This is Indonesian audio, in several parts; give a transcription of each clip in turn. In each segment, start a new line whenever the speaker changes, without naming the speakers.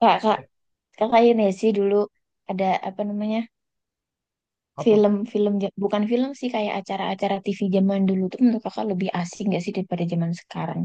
Kak, kakak ini sih dulu ada apa namanya
Apa?
bukan film sih kayak acara-acara TV zaman dulu tuh menurut kakak lebih asik gak sih daripada zaman sekarang?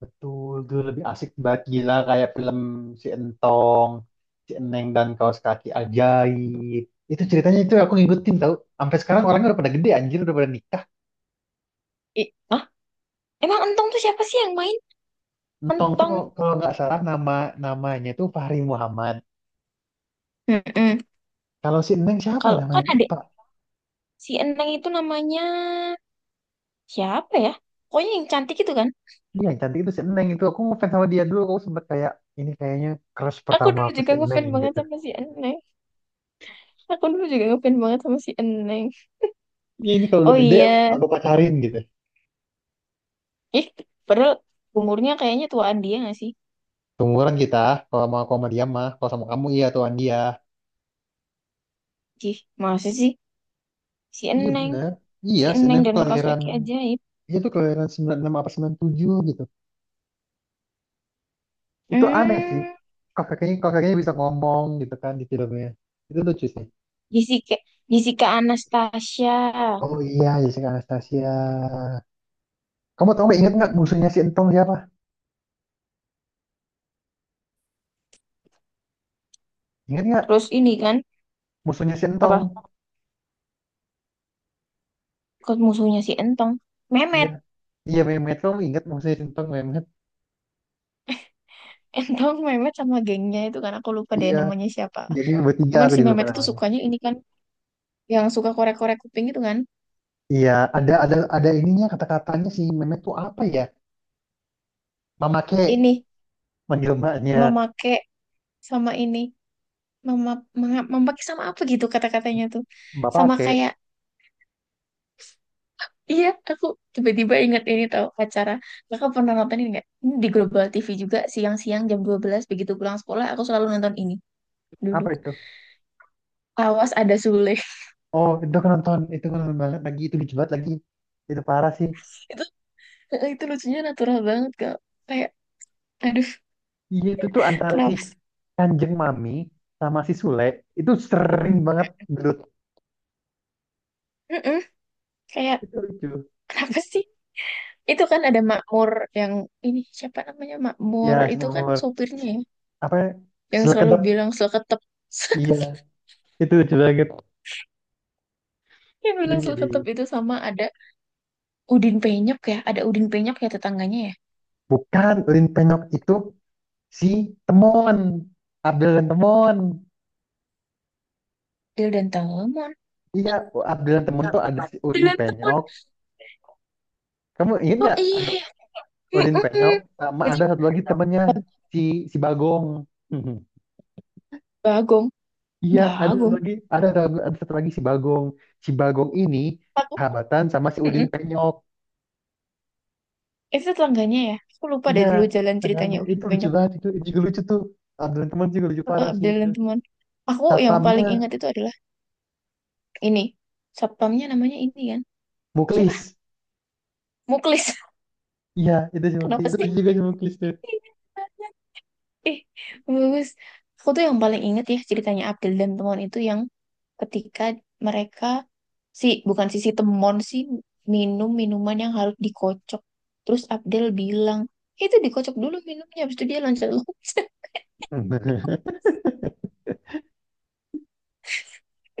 Betul, dulu lebih asik banget, gila. Kayak film si Entong, si Eneng dan Kaos Kaki Ajaib, itu ceritanya itu aku ngikutin, tau. Sampai sekarang orangnya udah pada gede, anjir, udah pada nikah.
Ih, ah, emang Entong tuh siapa sih yang main?
Entong tuh,
Entong.
kalau nggak salah, namanya tuh Fahri Muhammad.
Mm-mm.
Kalau si Eneng siapa ya,
Kalau
namanya
kan ada
lupa.
si Eneng itu namanya siapa ya? Pokoknya yang cantik itu kan.
Iya, yang cantik itu si Eneng. Itu aku ngefans sama dia. Dulu aku sempet kayak ini, kayaknya crush
Aku
pertama
dulu
aku si
juga
Eneng,
ngefans banget
gitu.
sama si Eneng. Aku dulu juga ngefans banget sama si Eneng.
Iya, ini kalau udah
Oh
gede
iya.
aku pacarin, gitu.
Ih, padahal umurnya kayaknya tuaan dia gak sih?
Seumuran kita. Kalau mau, aku sama dia mah, kalau sama kamu iya tuan dia.
Ih, masa sih? Si
Iya
Eneng,
benar. Iya,
si
Sena
Eneng
itu
dan kaos
kelahiran,
kaki ajaib.
dia tuh kelahiran 96 apa 97, gitu. Itu aneh sih.
Hmm,
Kakeknya kakeknya bisa ngomong gitu kan di filmnya. Itu lucu sih.
Jessica, Jessica Anastasia.
Oh iya, Jessica Anastasia. Kamu tau nggak, inget nggak musuhnya si Entong siapa? Ingat nggak
Terus ini kan
musuhnya si Entong?
apa? Kos musuhnya si Entong,
Iya.
Memet.
Iya, Mehmet, kamu ingat musuhnya si Entong, Mehmet?
Entong, Memet sama gengnya itu kan aku lupa deh
Iya.
namanya siapa.
Jadi bertiga,
Cuman
aku
si
juga lupa
Memet itu
namanya.
sukanya ini kan yang suka korek-korek kuping itu kan.
Iya, ada ininya, kata-katanya si Mehmet tuh apa ya? Mama ke
Ini
manggil mbaknya,
memakai sama ini mema, memakai sama apa gitu kata-katanya tuh.
bapak
Sama
ke
kayak iya, aku tiba-tiba ingat ini tahu acara. Kakak pernah nonton ini nggak? Ini di Global TV juga siang-siang jam 12 begitu pulang sekolah aku selalu nonton ini dulu.
apa itu?
Awas ada Sule.
Oh, itu aku nonton banget lagi, itu lucu banget lagi. Itu parah sih.
Itu, itu lucunya natural banget Kak. Kayak aduh,
Iya, itu tuh antara si
kenapa sih?
Kanjeng Mami sama si Sule, itu sering banget gelut.
Mm-mm. Kayak
Itu lucu.
kenapa sih? Itu kan ada Makmur yang ini siapa namanya Makmur
Ya, si
itu kan
Mamor.
sopirnya ya
Apa ya?
yang
Sule
selalu
kedap.
bilang seketep.
Iya, itu lucu banget.
Yang
Terus
bilang
jadi,
seketep itu sama ada Udin Penyok ya, ada Udin Penyok ya tetangganya ya.
bukan Lin Penyok, itu si Temon. Abdel dan Temon.
Dil dan Telma
Iya, Abdel dan Temon tuh ada si Udin
dengan temen
Penyok. Kamu ingat
oh
nggak
iya ya.
Udin
Mm-mm.
Penyok sama
Jadi
ada satu lagi temennya, si si Bagong.
Bagong
Iya, ada
Bagong
lagi, ada satu lagi si Bagong. Si Bagong ini
aku
sahabatan sama si Udin
mm-mm.
Penyok.
Itu tetangganya ya aku lupa
Iya,
dari dulu jalan ceritanya
tengahnya
udah
itu lucu
banyak.
banget itu juga lucu tuh. Abdul teman juga lucu
Eh,
parah sih itu.
jalan teman aku yang paling
Satpamnya
ingat itu adalah ini satpamnya namanya ini kan siapa
Muklis.
Muklis.
Iya, itu si Muklis.
Kenapa
Itu lucu juga si Muklis tuh.
sih? Ih, bagus. Aku tuh yang paling inget ya ceritanya Abdul dan teman itu yang ketika mereka si bukan si si temon sih minum minuman yang harus dikocok. Terus Abdul bilang, "Eh, itu dikocok dulu minumnya, habis itu dia loncat-loncat."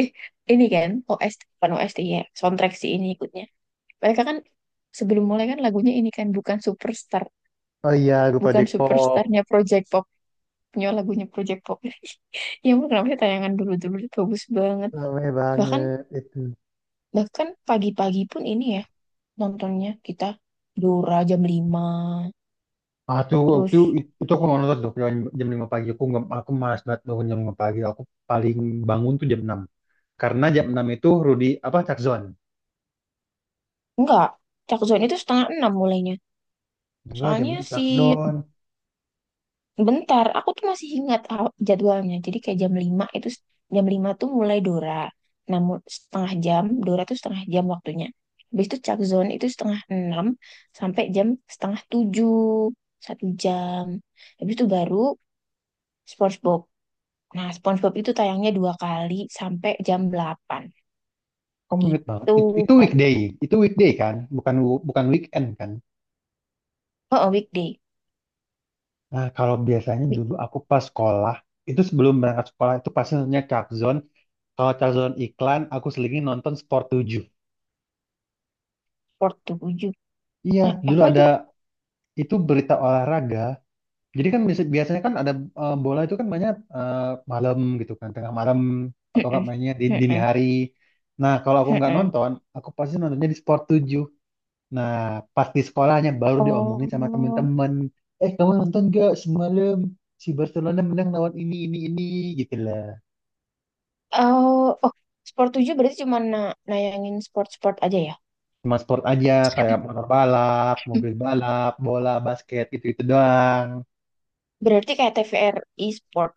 Eh, ini kan OS bukan OST ya, soundtrack sih ini ikutnya. Mereka kan sebelum mulai kan lagunya ini kan bukan superstar,
Oh iya, lupa
bukan
Depop.
superstarnya Project Pop, punya lagunya Project Pop. Ya ampun, kenapa sih tayangan dulu-dulu tuh bagus banget.
Rame
Bahkan
banget itu.
Bahkan pagi-pagi pun ini ya nontonnya kita Dora jam lima.
Ah, tuh, waktu
Terus
itu aku nonton tuh jam 5 pagi. Aku nggak, aku malas banget bangun jam 5 pagi. Aku paling bangun tuh jam 6. Karena jam 6 itu Rudy, apa, Takzon.
enggak, Cak Zone itu setengah enam mulainya.
Enggak, jam
Soalnya
6
si
Cakdon.
bentar, aku tuh masih ingat jadwalnya. Jadi kayak jam 5 itu jam 5 tuh mulai Dora. Namun setengah jam, Dora tuh setengah jam waktunya. Habis itu Cak Zone itu setengah enam sampai jam setengah tujuh, satu jam. Habis itu baru SpongeBob. Nah, SpongeBob itu tayangnya dua kali sampai jam delapan.
Kamu inget banget.
Itu
Itu
baru.
weekday. Itu weekday kan? Bukan bukan weekend kan?
Oh, oh, weekday.
Nah, kalau biasanya
Week
dulu aku pas sekolah, itu sebelum berangkat sekolah itu pasti nontonnya Cakzon. Kalau Cakzon iklan, aku selingin nonton Sport 7.
47.
Iya,
Hah,
dulu
apa itu?
ada itu berita olahraga. Jadi kan biasanya kan ada bola itu kan banyak malam gitu kan, tengah malam atau enggak
Mm-mm.
mainnya di dini
Mm-mm.
hari. Nah, kalau aku nggak
Mm-mm.
nonton, aku pasti nontonnya di Sport 7. Nah, pas di sekolahnya baru diomongin sama
Oh,
temen-temen. Eh, kamu nonton gak semalam, si Barcelona menang lawan ini, gitu lah.
oh, oh, Sport 7 berarti cuma nayangin sport-sport aja ya?
Cuma sport aja, kayak motor balap,
Hmm.
mobil balap, bola, basket, gitu-gitu doang.
Berarti kayak TVRI Sport.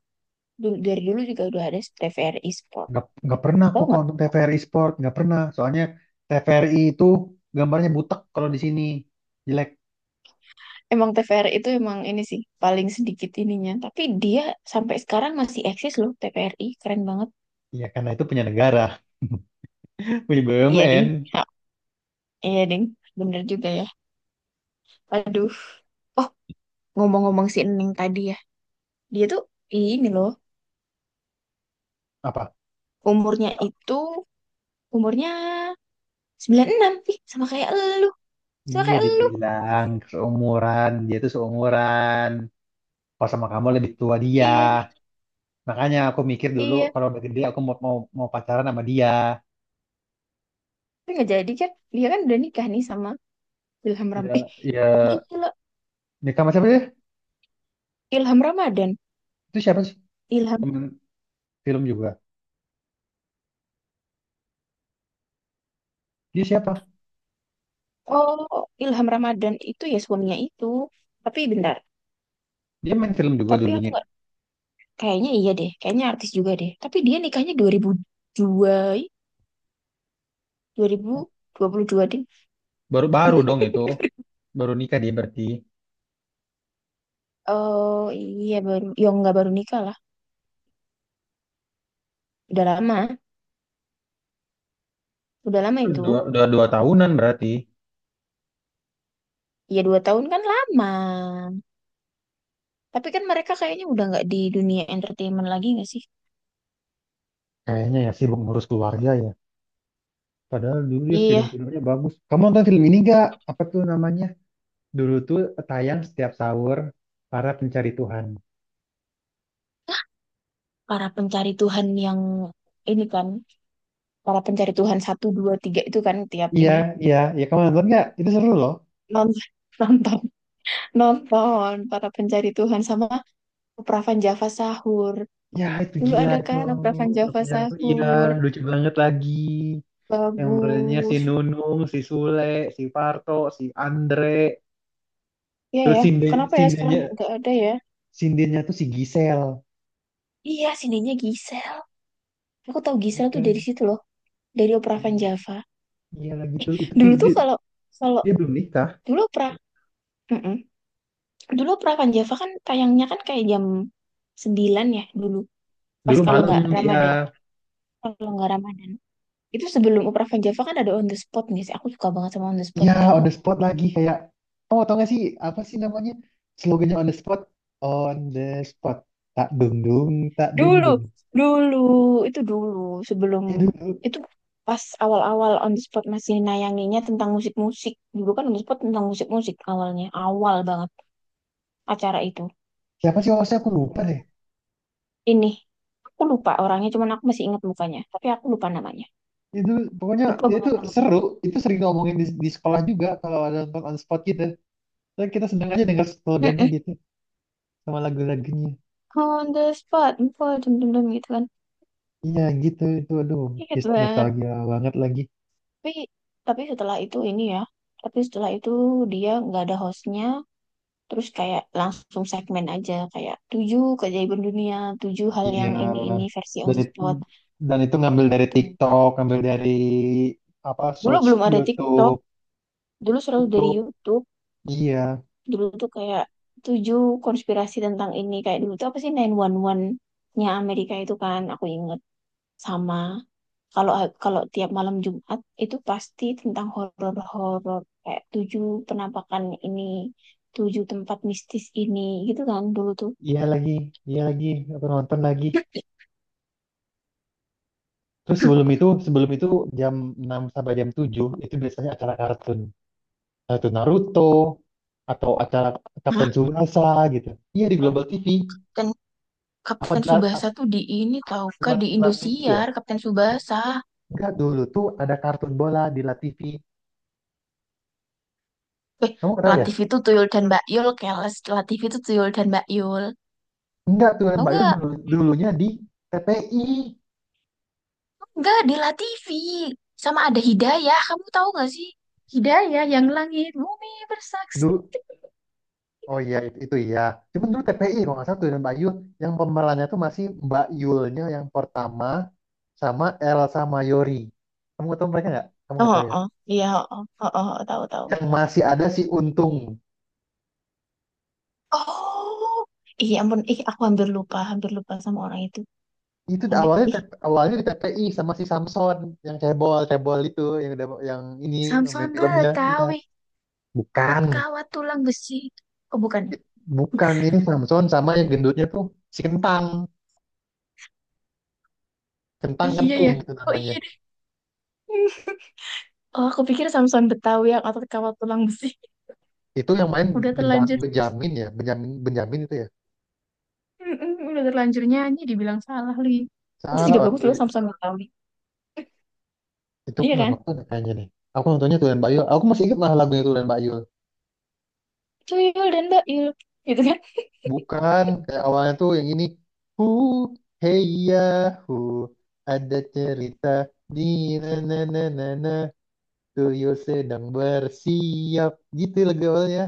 Dulu, dari dulu juga udah ada TVRI Sport.
Nggak pernah aku
Tahu
kalau
nggak?
nonton TVRI Sport, nggak pernah. Soalnya TVRI itu gambarnya butek kalau di sini. Jelek.
Emang TVRI itu emang ini sih, paling sedikit ininya. Tapi dia sampai sekarang masih eksis loh, TVRI. Keren banget.
Ya, karena itu punya negara, punya
Iya,
BUMN.
Ding. Ha, iya, Ding. Bener juga ya. Aduh. Oh, ngomong-ngomong si Ening tadi ya. Dia tuh ini loh,
Apa?
umurnya itu umurnya 96 ih sama kayak elu. Sama
Iya,
kayak elu.
dibilang seumuran, dia tuh seumuran. Kalau sama kamu lebih tua dia.
Iya nih,
Makanya aku mikir dulu,
iya.
kalau udah gede aku mau mau, mau pacaran sama dia.
Tapi nggak jadi kan? Dia kan udah nikah nih sama Ilham Ram. Eh,
Ya, ya,
gila.
nikah sama siapa sih?
Ilham Ramadan.
Itu siapa sih?
Ilham
Temen film juga. Dia siapa?
Oh, Ilham Ramadan itu ya suaminya itu. Tapi bentar.
Dia main film juga
Tapi aku
dulunya.
nggak kayaknya iya deh. Kayaknya artis juga deh. Tapi dia nikahnya dua ih, 2022 deh.
Baru baru dong itu. Baru nikah dia berarti.
Oh iya baru, ya nggak baru nikah lah. Udah lama, udah lama itu.
Dua, dua, dua tahunan berarti.
Ya dua tahun kan lama. Tapi kan mereka kayaknya udah nggak di dunia entertainment lagi nggak sih?
Kayaknya ya sibuk ngurus keluarga ya. Padahal dulu dia
Iya,
film-filmnya bagus. Kamu nonton film ini gak? Apa tuh namanya? Dulu tuh tayang setiap sahur, para pencari Tuhan.
para pencari Tuhan yang ini kan, para pencari Tuhan satu dua tiga itu kan tiap
Iya,
ini
iya, iya. Kamu nonton nggak? Itu seru loh.
nonton. nonton nonton para pencari Tuhan sama Opravan Java Sahur.
Ya itu
Dulu
gila,
ada
itu
kan Opravan Java
perpanjangan aku. Iya
Sahur,
lucu banget lagi. Yang mulainya si
bagus.
Nunung, si Sule, si Parto, si Andre.
Iya
Terus
ya, kenapa ya sekarang nggak ada ya?
sindennya tuh si Gisel.
Iya, sininya Gisel. Aku tahu
Iya
Gisel tuh
kan?
dari situ loh, dari Opravan Java.
Iya lagi tuh. Itu
Dulu tuh kalau kalau
dia belum nikah.
Dulu pra, mm-mm. Dulu Prakan Java kan tayangnya kan kayak jam 9 ya dulu. Pas
Dulu
kalau
malam
nggak Ramadan,
ya.
kalau nggak Ramadan. Itu sebelum Prapanjava kan ada on the spot nih sih. Aku suka banget sama on the spot,
Iya
tau
on the
nggak?
spot lagi kayak. Oh tau gak sih apa sih namanya? Slogannya on the spot. On the spot. Tak dung dung, tak dung
Dulu,
dung.
dulu dulu, sebelum
Eh, dulu
itu pas awal-awal on the spot masih nayanginnya tentang musik-musik. Dulu kan on the spot tentang musik-musik awalnya, awal banget acara itu.
siapa sih hostnya, aku lupa deh.
Ini aku lupa orangnya, cuman aku masih ingat mukanya, tapi aku lupa namanya.
Itu pokoknya
Lupa
ya itu
banget namanya.
seru, itu sering ngomongin di sekolah juga kalau ada nonton on spot gitu, dan kita sedang aja dengar slogannya gitu sama lagu-lagunya.
On the spot info jam-jam gitu kan.
Iya gitu itu, aduh,
Ingat
just
banget.
nostalgia banget lagi.
Tapi tapi setelah itu ini ya tapi setelah itu dia nggak ada hostnya terus kayak langsung segmen aja kayak tujuh keajaiban dunia tujuh hal
Iya,
yang ini versi on
dan
the
itu,
spot.
dan itu ngambil dari
Gitu.
TikTok, ngambil dari apa,
Dulu
search
belum ada TikTok.
YouTube
Dulu selalu dari
YouTube
YouTube.
Iya,
Dulu tuh kayak tujuh konspirasi tentang ini kayak dulu tuh apa sih 911 nya Amerika itu kan aku inget. Sama kalau kalau tiap malam Jumat itu pasti tentang horor-horor kayak tujuh penampakan ini tujuh tempat mistis ini gitu kan dulu tuh.
iya lagi, iya lagi, aku nonton lagi. Terus sebelum itu jam 6 sampai jam 7 itu biasanya acara kartun, atau Naruto, atau acara
Hah?
Captain Tsubasa, gitu. Iya, di Global TV.
Kapten
Apa
Kapten
di
Subasa tuh di ini tau kah di
La TV
Indosiar
ya?
Kapten Subasa.
Enggak, dulu tuh ada kartun bola di La TV.
Eh,
Kamu kenal ya?
Latif itu Tuyul dan Mbak Yul keles. Latif itu Tuyul dan Mbak Yul
Enggak tuh
tau
Mbak Yul
nggak.
dulu, dulunya di TPI.
Nggak di Latifi sama ada Hidayah kamu tahu nggak sih Hidayah yang langit bumi bersaksi.
Dulu. Oh iya itu iya. Cuman dulu TPI kalau nggak salah tuh dan Mbak Yul, yang pemerannya tuh masih Mbak Yulnya yang pertama, sama Elsa Mayori. Kamu tahu mereka nggak? Kamu nggak tahu
Oh,
ya?
oh, iya, oh, oh, oh, oh, tahu tahu.
Yang masih ada si Untung.
Oh, iya ampun, ih aku hampir lupa sama orang itu.
Itu
Hampir,
awalnya
ih,
T- P awalnya di TPI sama si Samson, yang cebol cebol itu, yang udah yang ini main
Samson
filmnya, iya
Betawi, otot
bukan
kawat tulang besi. Oh bukan, ya?
bukan ini Samson sama yang gendutnya tuh si Kentang Kentang
Iya ya.
Kentung itu
Oh
namanya.
iya deh. Oh aku pikir Samson Betawi yang otot kawat tulang besi.
Itu yang main
Udah
Benja-
terlanjur,
Benjamin ya, Benjamin Benjamin itu ya.
mm-mm, udah terlanjur nyanyi, dibilang salah lagi. Itu
Salah.
juga bagus
Waktu
loh Samson Betawi,
itu aku
iya
nggak
kan?
nonton ya kayaknya nih. Aku nontonnya Tulen Bayul, aku masih ingat malah lagunya Tulen Bayul.
Tuyul dan Bail, gitu kan?
Bukan, kayak awalnya tuh yang ini: hu, hey ya, hu, ada cerita di na na na na na, Tuyul sedang bersiap. Gitu lagu awalnya.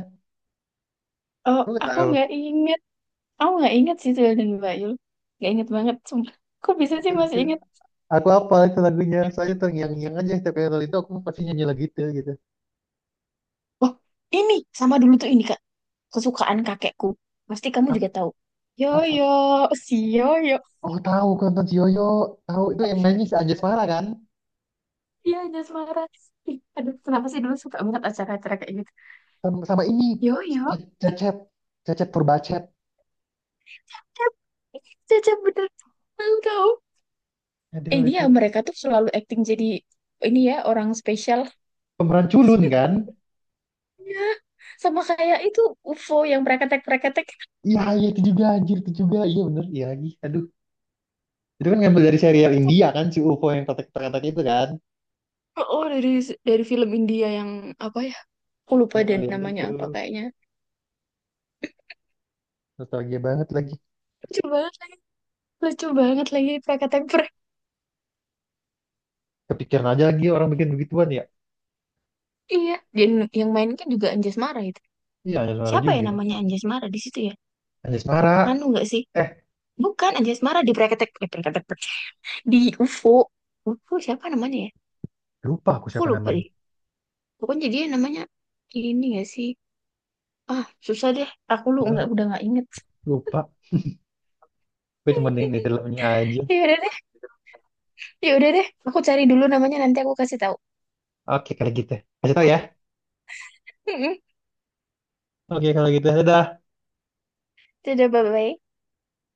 Oh
Aku nggak
aku
tahu.
nggak ingat. Aku nggak ingat sih Tuyul dan Bayul. Nggak inget banget. Sumpah. Kok bisa sih
Itu,
masih
itu.
inget?
Aku apa itu lagunya? Soalnya terngiang-ngiang aja, setiap kali nonton itu aku pasti nyanyi lagu itu gitu.
Oh, ini sama dulu tuh ini Kak. Kesukaan kakekku. Pasti kamu
Ap-
juga tahu.
Apa?
Yoyo, si Yoyo.
Oh tahu, aku nonton si Yoyo. Tahu itu yang nyanyi si Anjasmara kan?
Iya, Jasmara. Ih, aduh, kenapa sih dulu suka banget acara-acara kayak gitu.
Sama ini.
Yoyo,
Cecep. Cecep Purbacet.
Cep. Cecep bener. Tahu tahu. Eh,
Aduh
dia
itu
mereka tuh selalu acting jadi ini ya orang spesial.
pemeran culun kan?
Iya. Sama kayak itu UFO yang preketek-preketek.
Iya, iya itu juga anjir, itu juga. Iya bener, iya lagi. Aduh, itu kan ngambil dari serial India kan, si UFO yang kotak-kotak itu kan.
Oh, dari film India yang apa ya? Aku lupa
Yang
deh
alien
namanya
itu.
apa kayaknya.
Nostalgia banget lagi.
Lucu banget lagi, lucu banget lagi pakai temper.
Kepikiran aja lagi orang bikin begituan ya.
Iya, dan yang main kan juga Anjasmara itu.
Iya, Anjasmara
Siapa ya
juga.
namanya Anjasmara di situ ya?
Anjasmara.
Anu nggak sih?
Eh,
Bukan Anjasmara Prakatek di UFO. UFO siapa namanya ya?
lupa aku
Aku
siapa
lupa
namanya.
deh. Pokoknya dia namanya ini nggak sih? Ah, susah deh. Aku lu nggak
Eh,
udah nggak inget.
lupa. Gue cuma dengerin filmnya aja.
Ya udah deh, ya udah deh. Aku cari dulu namanya nanti aku kasih tahu.
Oke, kalau gitu. Kasih tau ya. Oke, kalau gitu. Dadah.
Dadah, bye-bye.